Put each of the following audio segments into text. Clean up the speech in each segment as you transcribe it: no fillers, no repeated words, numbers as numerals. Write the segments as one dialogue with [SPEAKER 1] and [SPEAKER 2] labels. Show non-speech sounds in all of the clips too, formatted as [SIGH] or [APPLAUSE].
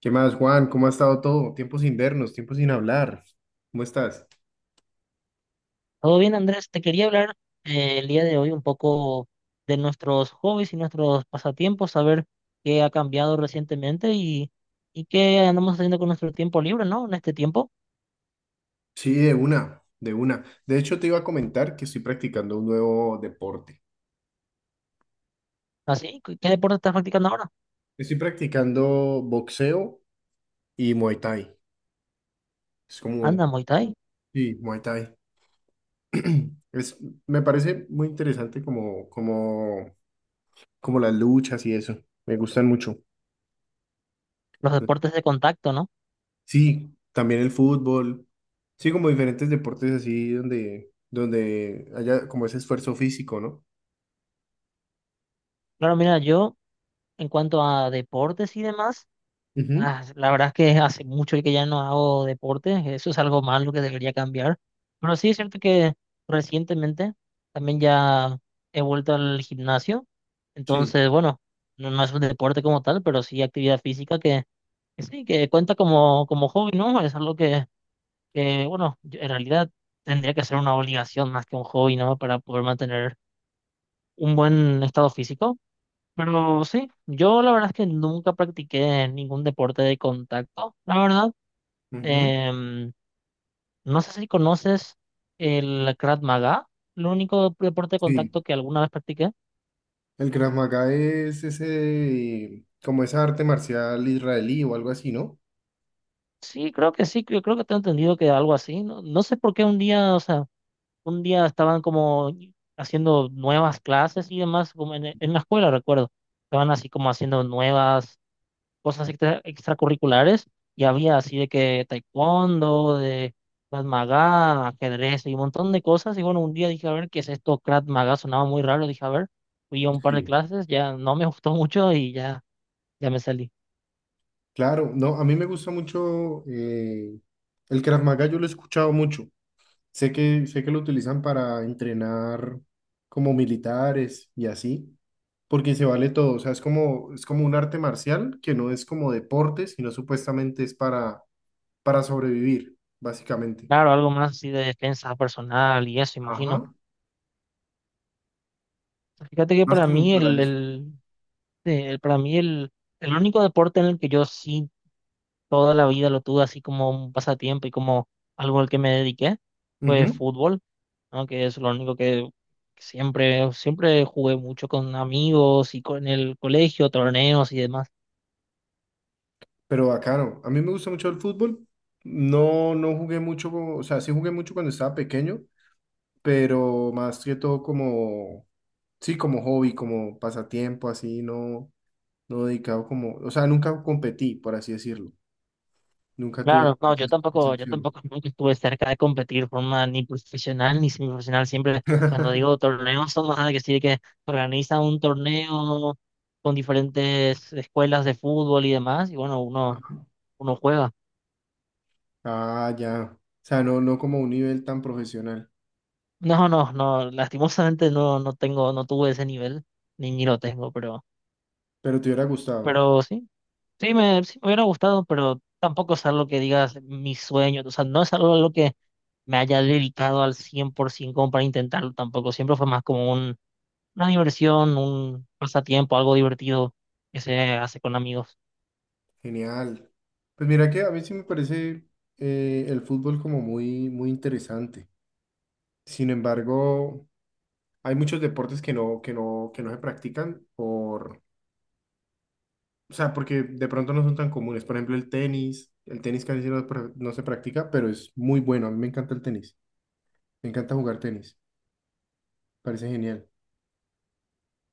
[SPEAKER 1] ¿Qué más, Juan? ¿Cómo ha estado todo? Tiempo sin vernos, tiempo sin hablar. ¿Cómo estás?
[SPEAKER 2] Todo bien, Andrés. Te quería hablar el día de hoy un poco de nuestros hobbies y nuestros pasatiempos, saber qué ha cambiado recientemente y qué andamos haciendo con nuestro tiempo libre, ¿no? En este tiempo.
[SPEAKER 1] Sí, de una. De hecho, te iba a comentar que estoy practicando un nuevo deporte.
[SPEAKER 2] Así, ¿qué deporte estás practicando ahora?
[SPEAKER 1] Estoy practicando boxeo y Muay Thai. Es
[SPEAKER 2] Anda,
[SPEAKER 1] como,
[SPEAKER 2] Muay Thai.
[SPEAKER 1] sí, Muay Thai. Es, Me parece muy interesante como las luchas y eso. Me gustan mucho.
[SPEAKER 2] Los deportes de contacto, ¿no?
[SPEAKER 1] Sí, también el fútbol. Sí, como diferentes deportes así donde haya como ese esfuerzo físico, ¿no?
[SPEAKER 2] Claro, mira, yo en cuanto a deportes y demás.
[SPEAKER 1] Ujú.
[SPEAKER 2] Ah, la verdad es que hace mucho que ya no hago deporte, eso es algo malo que debería cambiar. Pero sí es cierto que recientemente también ya he vuelto al gimnasio,
[SPEAKER 1] Sí.
[SPEAKER 2] entonces bueno, no es un deporte como tal, pero sí actividad física que sí, que cuenta como, como hobby, ¿no? Es algo bueno, en realidad tendría que ser una obligación más que un hobby, ¿no? Para poder mantener un buen estado físico. Pero sí, yo la verdad es que nunca practiqué ningún deporte de contacto, la verdad.
[SPEAKER 1] Ujú.
[SPEAKER 2] Em, no sé si conoces el Krav Maga, el único deporte de contacto
[SPEAKER 1] Sí,
[SPEAKER 2] que alguna vez practiqué.
[SPEAKER 1] el Krav Maga es ese, como esa arte marcial israelí o algo así, ¿no?
[SPEAKER 2] Sí, creo que sí, yo creo que tengo entendido que algo así. No, no sé por qué un día, o sea, un día estaban como haciendo nuevas clases y demás, como en la escuela, recuerdo. Estaban así como haciendo nuevas cosas extracurriculares y había así de que taekwondo, de Krav Maga, ajedrez y un montón de cosas. Y bueno, un día dije, a ver, ¿qué es esto? Krav Maga sonaba muy raro, dije, a ver, fui a un par de
[SPEAKER 1] Sí.
[SPEAKER 2] clases, ya no me [LAUGHS] gustó mucho y ya, ya me salí.
[SPEAKER 1] Claro, no, a mí me gusta mucho el Krav Maga, yo lo he escuchado mucho. Sé que lo utilizan para entrenar como militares y así, porque se vale todo. O sea, es como un arte marcial que no es como deporte, sino supuestamente es para sobrevivir, básicamente.
[SPEAKER 2] Claro, algo más así de defensa personal y eso, imagino.
[SPEAKER 1] Ajá.
[SPEAKER 2] Fíjate que
[SPEAKER 1] Más
[SPEAKER 2] para
[SPEAKER 1] como
[SPEAKER 2] mí
[SPEAKER 1] para eso.
[SPEAKER 2] el- para mí el único deporte en el que yo sí toda la vida lo tuve así como un pasatiempo y como algo al que me dediqué fue fútbol. No, que es lo único que siempre, siempre jugué mucho con amigos y con el colegio, torneos y demás.
[SPEAKER 1] Pero bacano. A mí me gusta mucho el fútbol. No, no jugué mucho, o sea, sí jugué mucho cuando estaba pequeño, pero más que todo sí, como hobby, como pasatiempo, así, no dedicado como, o sea, nunca competí, por así decirlo. Nunca tuve
[SPEAKER 2] Claro, no,
[SPEAKER 1] esa
[SPEAKER 2] yo
[SPEAKER 1] esa
[SPEAKER 2] tampoco, yo
[SPEAKER 1] opción.
[SPEAKER 2] tampoco [LAUGHS] nunca estuve cerca de competir de forma ni profesional ni semiprofesional. Siempre cuando digo
[SPEAKER 1] [LAUGHS]
[SPEAKER 2] torneos son más de que sí, que organiza un torneo con diferentes escuelas de fútbol y demás, y bueno, uno,
[SPEAKER 1] Ajá.
[SPEAKER 2] uno juega.
[SPEAKER 1] Ah, ya. O sea, no, no como un nivel tan profesional,
[SPEAKER 2] No, no, no, lastimosamente no tuve ese nivel, ni lo tengo,
[SPEAKER 1] pero te hubiera gustado.
[SPEAKER 2] pero sí. Sí me hubiera gustado, pero tampoco es algo que digas mi sueño. O sea, no es algo a lo que me haya dedicado al 100% como para intentarlo tampoco. Siempre fue más como un, una diversión, un pasatiempo, algo divertido que se hace con amigos.
[SPEAKER 1] Genial. Pues mira que a mí sí me parece el fútbol como muy interesante. Sin embargo, hay muchos deportes que no se practican por, o sea, porque de pronto no son tan comunes. Por ejemplo, el tenis casi no, pra- no se practica, pero es muy bueno. A mí me encanta el tenis. Me encanta jugar tenis. Parece genial.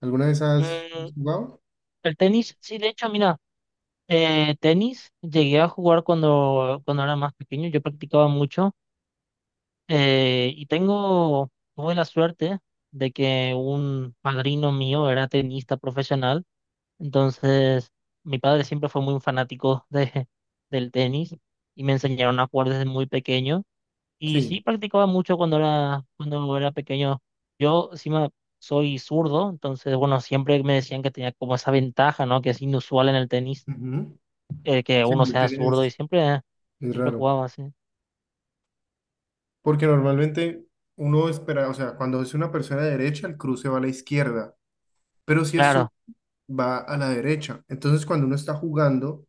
[SPEAKER 1] ¿Alguna de esas
[SPEAKER 2] Mm,
[SPEAKER 1] has jugado?
[SPEAKER 2] el tenis, sí, de hecho, mira, tenis llegué a jugar cuando, cuando era más pequeño. Yo practicaba mucho y tengo, tuve la suerte de que un padrino mío era tenista profesional. Entonces, mi padre siempre fue muy fanático del tenis y me enseñaron a jugar desde muy pequeño. Y sí
[SPEAKER 1] Sí.
[SPEAKER 2] practicaba mucho cuando era pequeño. Yo encima soy zurdo, entonces, bueno, siempre me decían que tenía como esa ventaja, ¿no? Que es inusual en el tenis,
[SPEAKER 1] Ujú.
[SPEAKER 2] que
[SPEAKER 1] Sí,
[SPEAKER 2] uno
[SPEAKER 1] el
[SPEAKER 2] sea
[SPEAKER 1] tenis
[SPEAKER 2] zurdo y siempre,
[SPEAKER 1] es
[SPEAKER 2] siempre
[SPEAKER 1] raro.
[SPEAKER 2] jugaba así.
[SPEAKER 1] Porque normalmente uno espera, o sea, cuando es una persona de derecha, el cruce va a la izquierda. Pero si es su
[SPEAKER 2] Claro,
[SPEAKER 1] va a la derecha. Entonces, cuando uno está jugando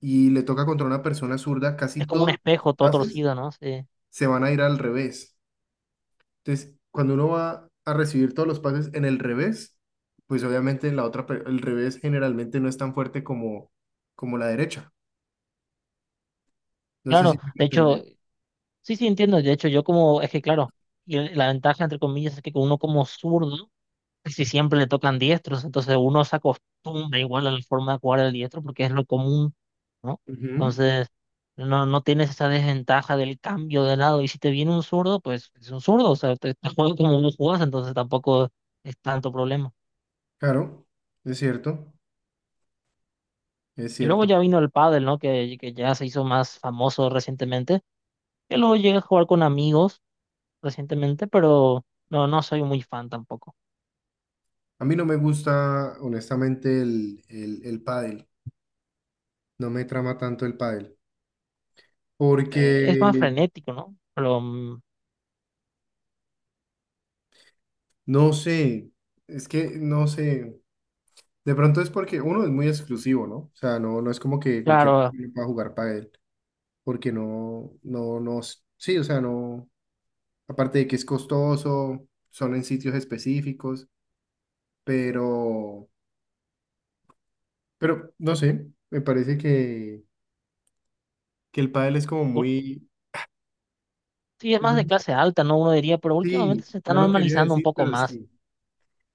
[SPEAKER 1] y le toca contra una persona zurda,
[SPEAKER 2] es
[SPEAKER 1] casi
[SPEAKER 2] como un
[SPEAKER 1] todos los
[SPEAKER 2] espejo todo
[SPEAKER 1] pases
[SPEAKER 2] torcido, ¿no? Sí.
[SPEAKER 1] se van a ir al revés. Entonces, cuando uno va a recibir todos los pases en el revés, pues obviamente el revés generalmente no es tan fuerte como la derecha. No sé si
[SPEAKER 2] Claro,
[SPEAKER 1] me voy
[SPEAKER 2] de
[SPEAKER 1] a
[SPEAKER 2] hecho,
[SPEAKER 1] entender.
[SPEAKER 2] sí, sí entiendo. De hecho, yo como, es que claro, y la ventaja, entre comillas, es que uno como zurdo si siempre le tocan diestros, entonces uno se acostumbra igual a la forma de jugar el diestro porque es lo común, ¿no?
[SPEAKER 1] Ujú.
[SPEAKER 2] Entonces, no, no tienes esa desventaja del cambio de lado. Y si te viene un zurdo, pues es un zurdo, o sea, te juega como vos jugás, entonces tampoco es tanto problema.
[SPEAKER 1] Claro, es cierto, es
[SPEAKER 2] Y luego
[SPEAKER 1] cierto.
[SPEAKER 2] ya vino el pádel, ¿no? Que ya se hizo más famoso recientemente. Yo luego llegué a jugar con amigos recientemente, pero no, no soy muy fan tampoco.
[SPEAKER 1] A mí no me gusta, honestamente, el pádel. No me trama tanto el pádel. Porque
[SPEAKER 2] Es más frenético, ¿no? Pero mm,
[SPEAKER 1] no sé, es que no sé. De pronto es porque uno es muy exclusivo, ¿no? O sea, no, no es como que cualquier
[SPEAKER 2] claro.
[SPEAKER 1] niño pueda jugar pádel, porque no, no, no, s- sí, o sea, no, aparte de que es costoso, son en sitios específicos, pero, pero no sé, me parece que el pádel es como muy,
[SPEAKER 2] Sí, es
[SPEAKER 1] de
[SPEAKER 2] más de
[SPEAKER 1] pronto es-
[SPEAKER 2] clase alta, ¿no? Uno diría, pero últimamente
[SPEAKER 1] sí,
[SPEAKER 2] se está
[SPEAKER 1] no lo quería
[SPEAKER 2] normalizando un
[SPEAKER 1] decir,
[SPEAKER 2] poco
[SPEAKER 1] pero
[SPEAKER 2] más.
[SPEAKER 1] sí,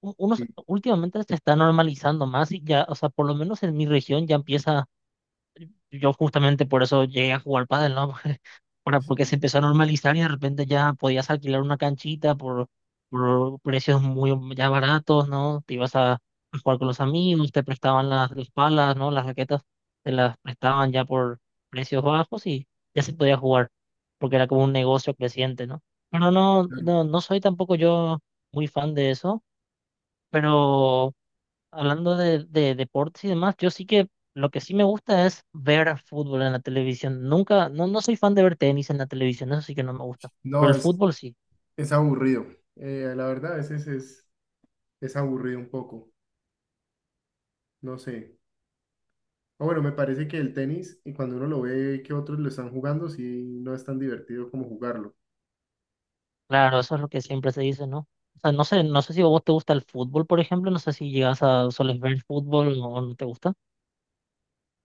[SPEAKER 1] sí,
[SPEAKER 2] Últimamente se está normalizando más y ya, o sea, por lo menos en mi región ya empieza, yo justamente por eso llegué a jugar pádel, ¿no? Ahora, porque se empezó a normalizar y de repente ya podías alquilar una canchita por precios muy ya baratos, ¿no? Te ibas a jugar con los amigos, te prestaban las palas, ¿no? Las raquetas te las prestaban ya por precios bajos y ya se podía jugar, porque era como un negocio creciente, ¿no? Pero
[SPEAKER 1] claro.
[SPEAKER 2] no soy tampoco yo muy fan de eso, pero hablando de deportes y demás, yo sí que lo que sí me gusta es ver fútbol en la televisión. Nunca, no, no soy fan de ver tenis en la televisión, eso sí que no me gusta. Pero
[SPEAKER 1] No,
[SPEAKER 2] el fútbol sí,
[SPEAKER 1] es aburrido. Eh, la verdad, a veces es aburrido un poco, no sé. Ah, bueno, me parece que el tenis, y cuando uno lo ve que otros lo están jugando, sí, no es tan divertido como jugarlo.
[SPEAKER 2] claro, eso es lo que siempre se dice, ¿no? O sea, no sé, no sé si a vos te gusta el fútbol, por ejemplo, no sé si llegas a, soles ver fútbol o no te gusta.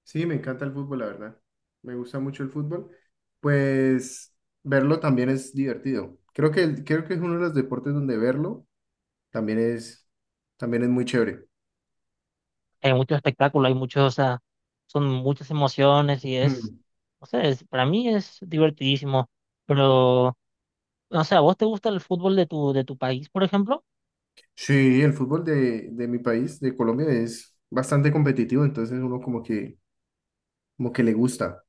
[SPEAKER 1] Sí, me encanta el fútbol, la verdad. Me gusta mucho el fútbol. Pues verlo también es divertido. Creo que, el- creo que es uno de los deportes donde verlo también también es muy chévere.
[SPEAKER 2] Hay mucho espectáculo, hay muchos, o sea, son muchas emociones y es,
[SPEAKER 1] Mm.
[SPEAKER 2] no sé, es- para mí es divertidísimo, pero, no sé, ¿a vos te gusta el fútbol de de tu país, por ejemplo?
[SPEAKER 1] Sí, el fútbol de mi país, de Colombia, es bastante competitivo, entonces uno como que le gusta,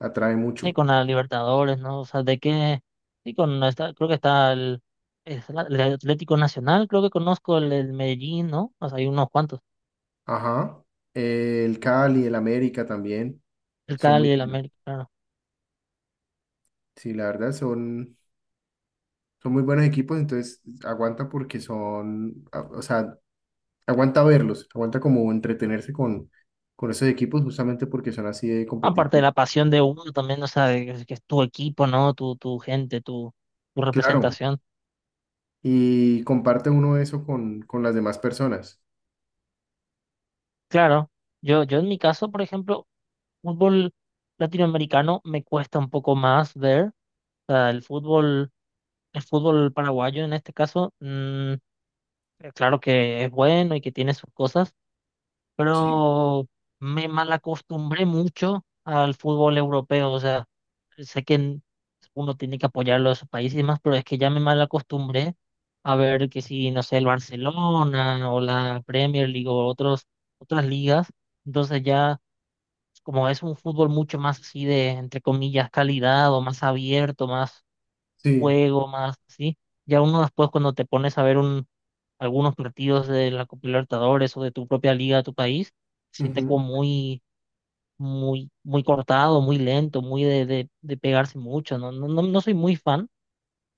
[SPEAKER 1] atrae mucho.
[SPEAKER 2] Sí, con la Libertadores, ¿no? O sea, de qué, sí, con esta, creo que está es el Atlético Nacional, creo que conozco el Medellín, ¿no? O sea, hay unos cuantos,
[SPEAKER 1] Ajá. El Cali, el América también,
[SPEAKER 2] el
[SPEAKER 1] son muy
[SPEAKER 2] Cali, el
[SPEAKER 1] buenos.
[SPEAKER 2] América, claro.
[SPEAKER 1] Sí, la verdad son muy buenos equipos, entonces aguanta porque son, a- o sea, aguanta verlos, aguanta como entretenerse con esos equipos justamente porque son así de
[SPEAKER 2] Aparte de
[SPEAKER 1] competitivos.
[SPEAKER 2] la pasión de uno también, o sea, que es tu equipo, ¿no? Tu gente, tu
[SPEAKER 1] Claro,
[SPEAKER 2] representación.
[SPEAKER 1] y comparte uno eso con las demás personas.
[SPEAKER 2] Claro, yo en mi caso, por ejemplo, fútbol latinoamericano me cuesta un poco más ver, o sea, el fútbol paraguayo en este caso, mm, claro que es bueno y que tiene sus cosas,
[SPEAKER 1] Sí.
[SPEAKER 2] pero me malacostumbré mucho al fútbol europeo. O sea, sé que uno tiene que apoyarlo a esos países y demás, pero es que ya me malacostumbré a ver que si, no sé, el Barcelona o la Premier League o otras ligas. Entonces ya, como es un fútbol mucho más así de, entre comillas, calidad o más abierto, más
[SPEAKER 1] Sí,
[SPEAKER 2] juego, más así, ya uno después cuando te pones a ver un algunos partidos de la Copa Libertadores o de tu propia liga de tu país, se siente
[SPEAKER 1] ujú,
[SPEAKER 2] como muy, muy, muy cortado, muy lento, muy de pegarse mucho. No, no, no, no soy muy fan,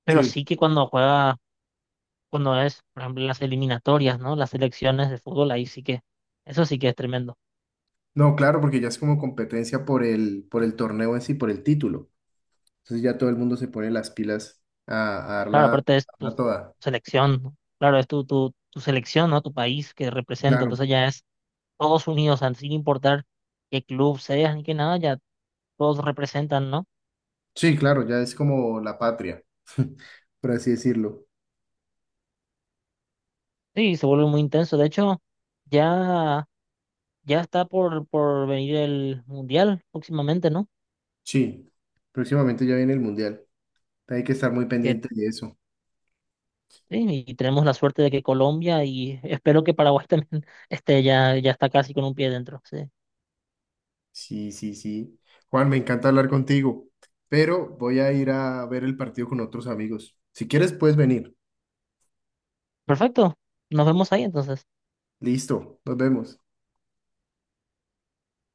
[SPEAKER 2] pero
[SPEAKER 1] sí.
[SPEAKER 2] sí que cuando juega, cuando es, por ejemplo, las eliminatorias, ¿no? Las selecciones de fútbol, ahí sí que, eso sí que es tremendo.
[SPEAKER 1] No, claro, porque ya es como competencia por por el torneo en sí, por el título. Entonces ya todo el mundo se pone las pilas
[SPEAKER 2] Claro,
[SPEAKER 1] a
[SPEAKER 2] aparte es tu
[SPEAKER 1] darla toda.
[SPEAKER 2] selección, ¿no? Claro, es tu selección, ¿no? Tu país que representa,
[SPEAKER 1] Claro.
[SPEAKER 2] entonces ya es todos unidos, sin importar qué club seas ni qué nada, ya todos representan, ¿no?
[SPEAKER 1] Sí, claro, ya es como la patria, [LAUGHS] por así decirlo.
[SPEAKER 2] Sí, se vuelve muy intenso. De hecho, ya, ya está por venir el Mundial próximamente, ¿no?
[SPEAKER 1] Sí, próximamente ya viene el mundial. Hay que estar muy
[SPEAKER 2] Que,
[SPEAKER 1] pendiente de eso.
[SPEAKER 2] sí, y tenemos la suerte de que Colombia y [LAUGHS] espero que Paraguay [LAUGHS] también esté ya, ya está casi con un pie dentro. Sí.
[SPEAKER 1] Sí, sí, sí. Juan, me encanta hablar contigo, pero voy a ir a ver el partido con otros amigos. Si quieres, puedes venir.
[SPEAKER 2] Perfecto. Nos vemos ahí entonces.
[SPEAKER 1] Listo, nos vemos.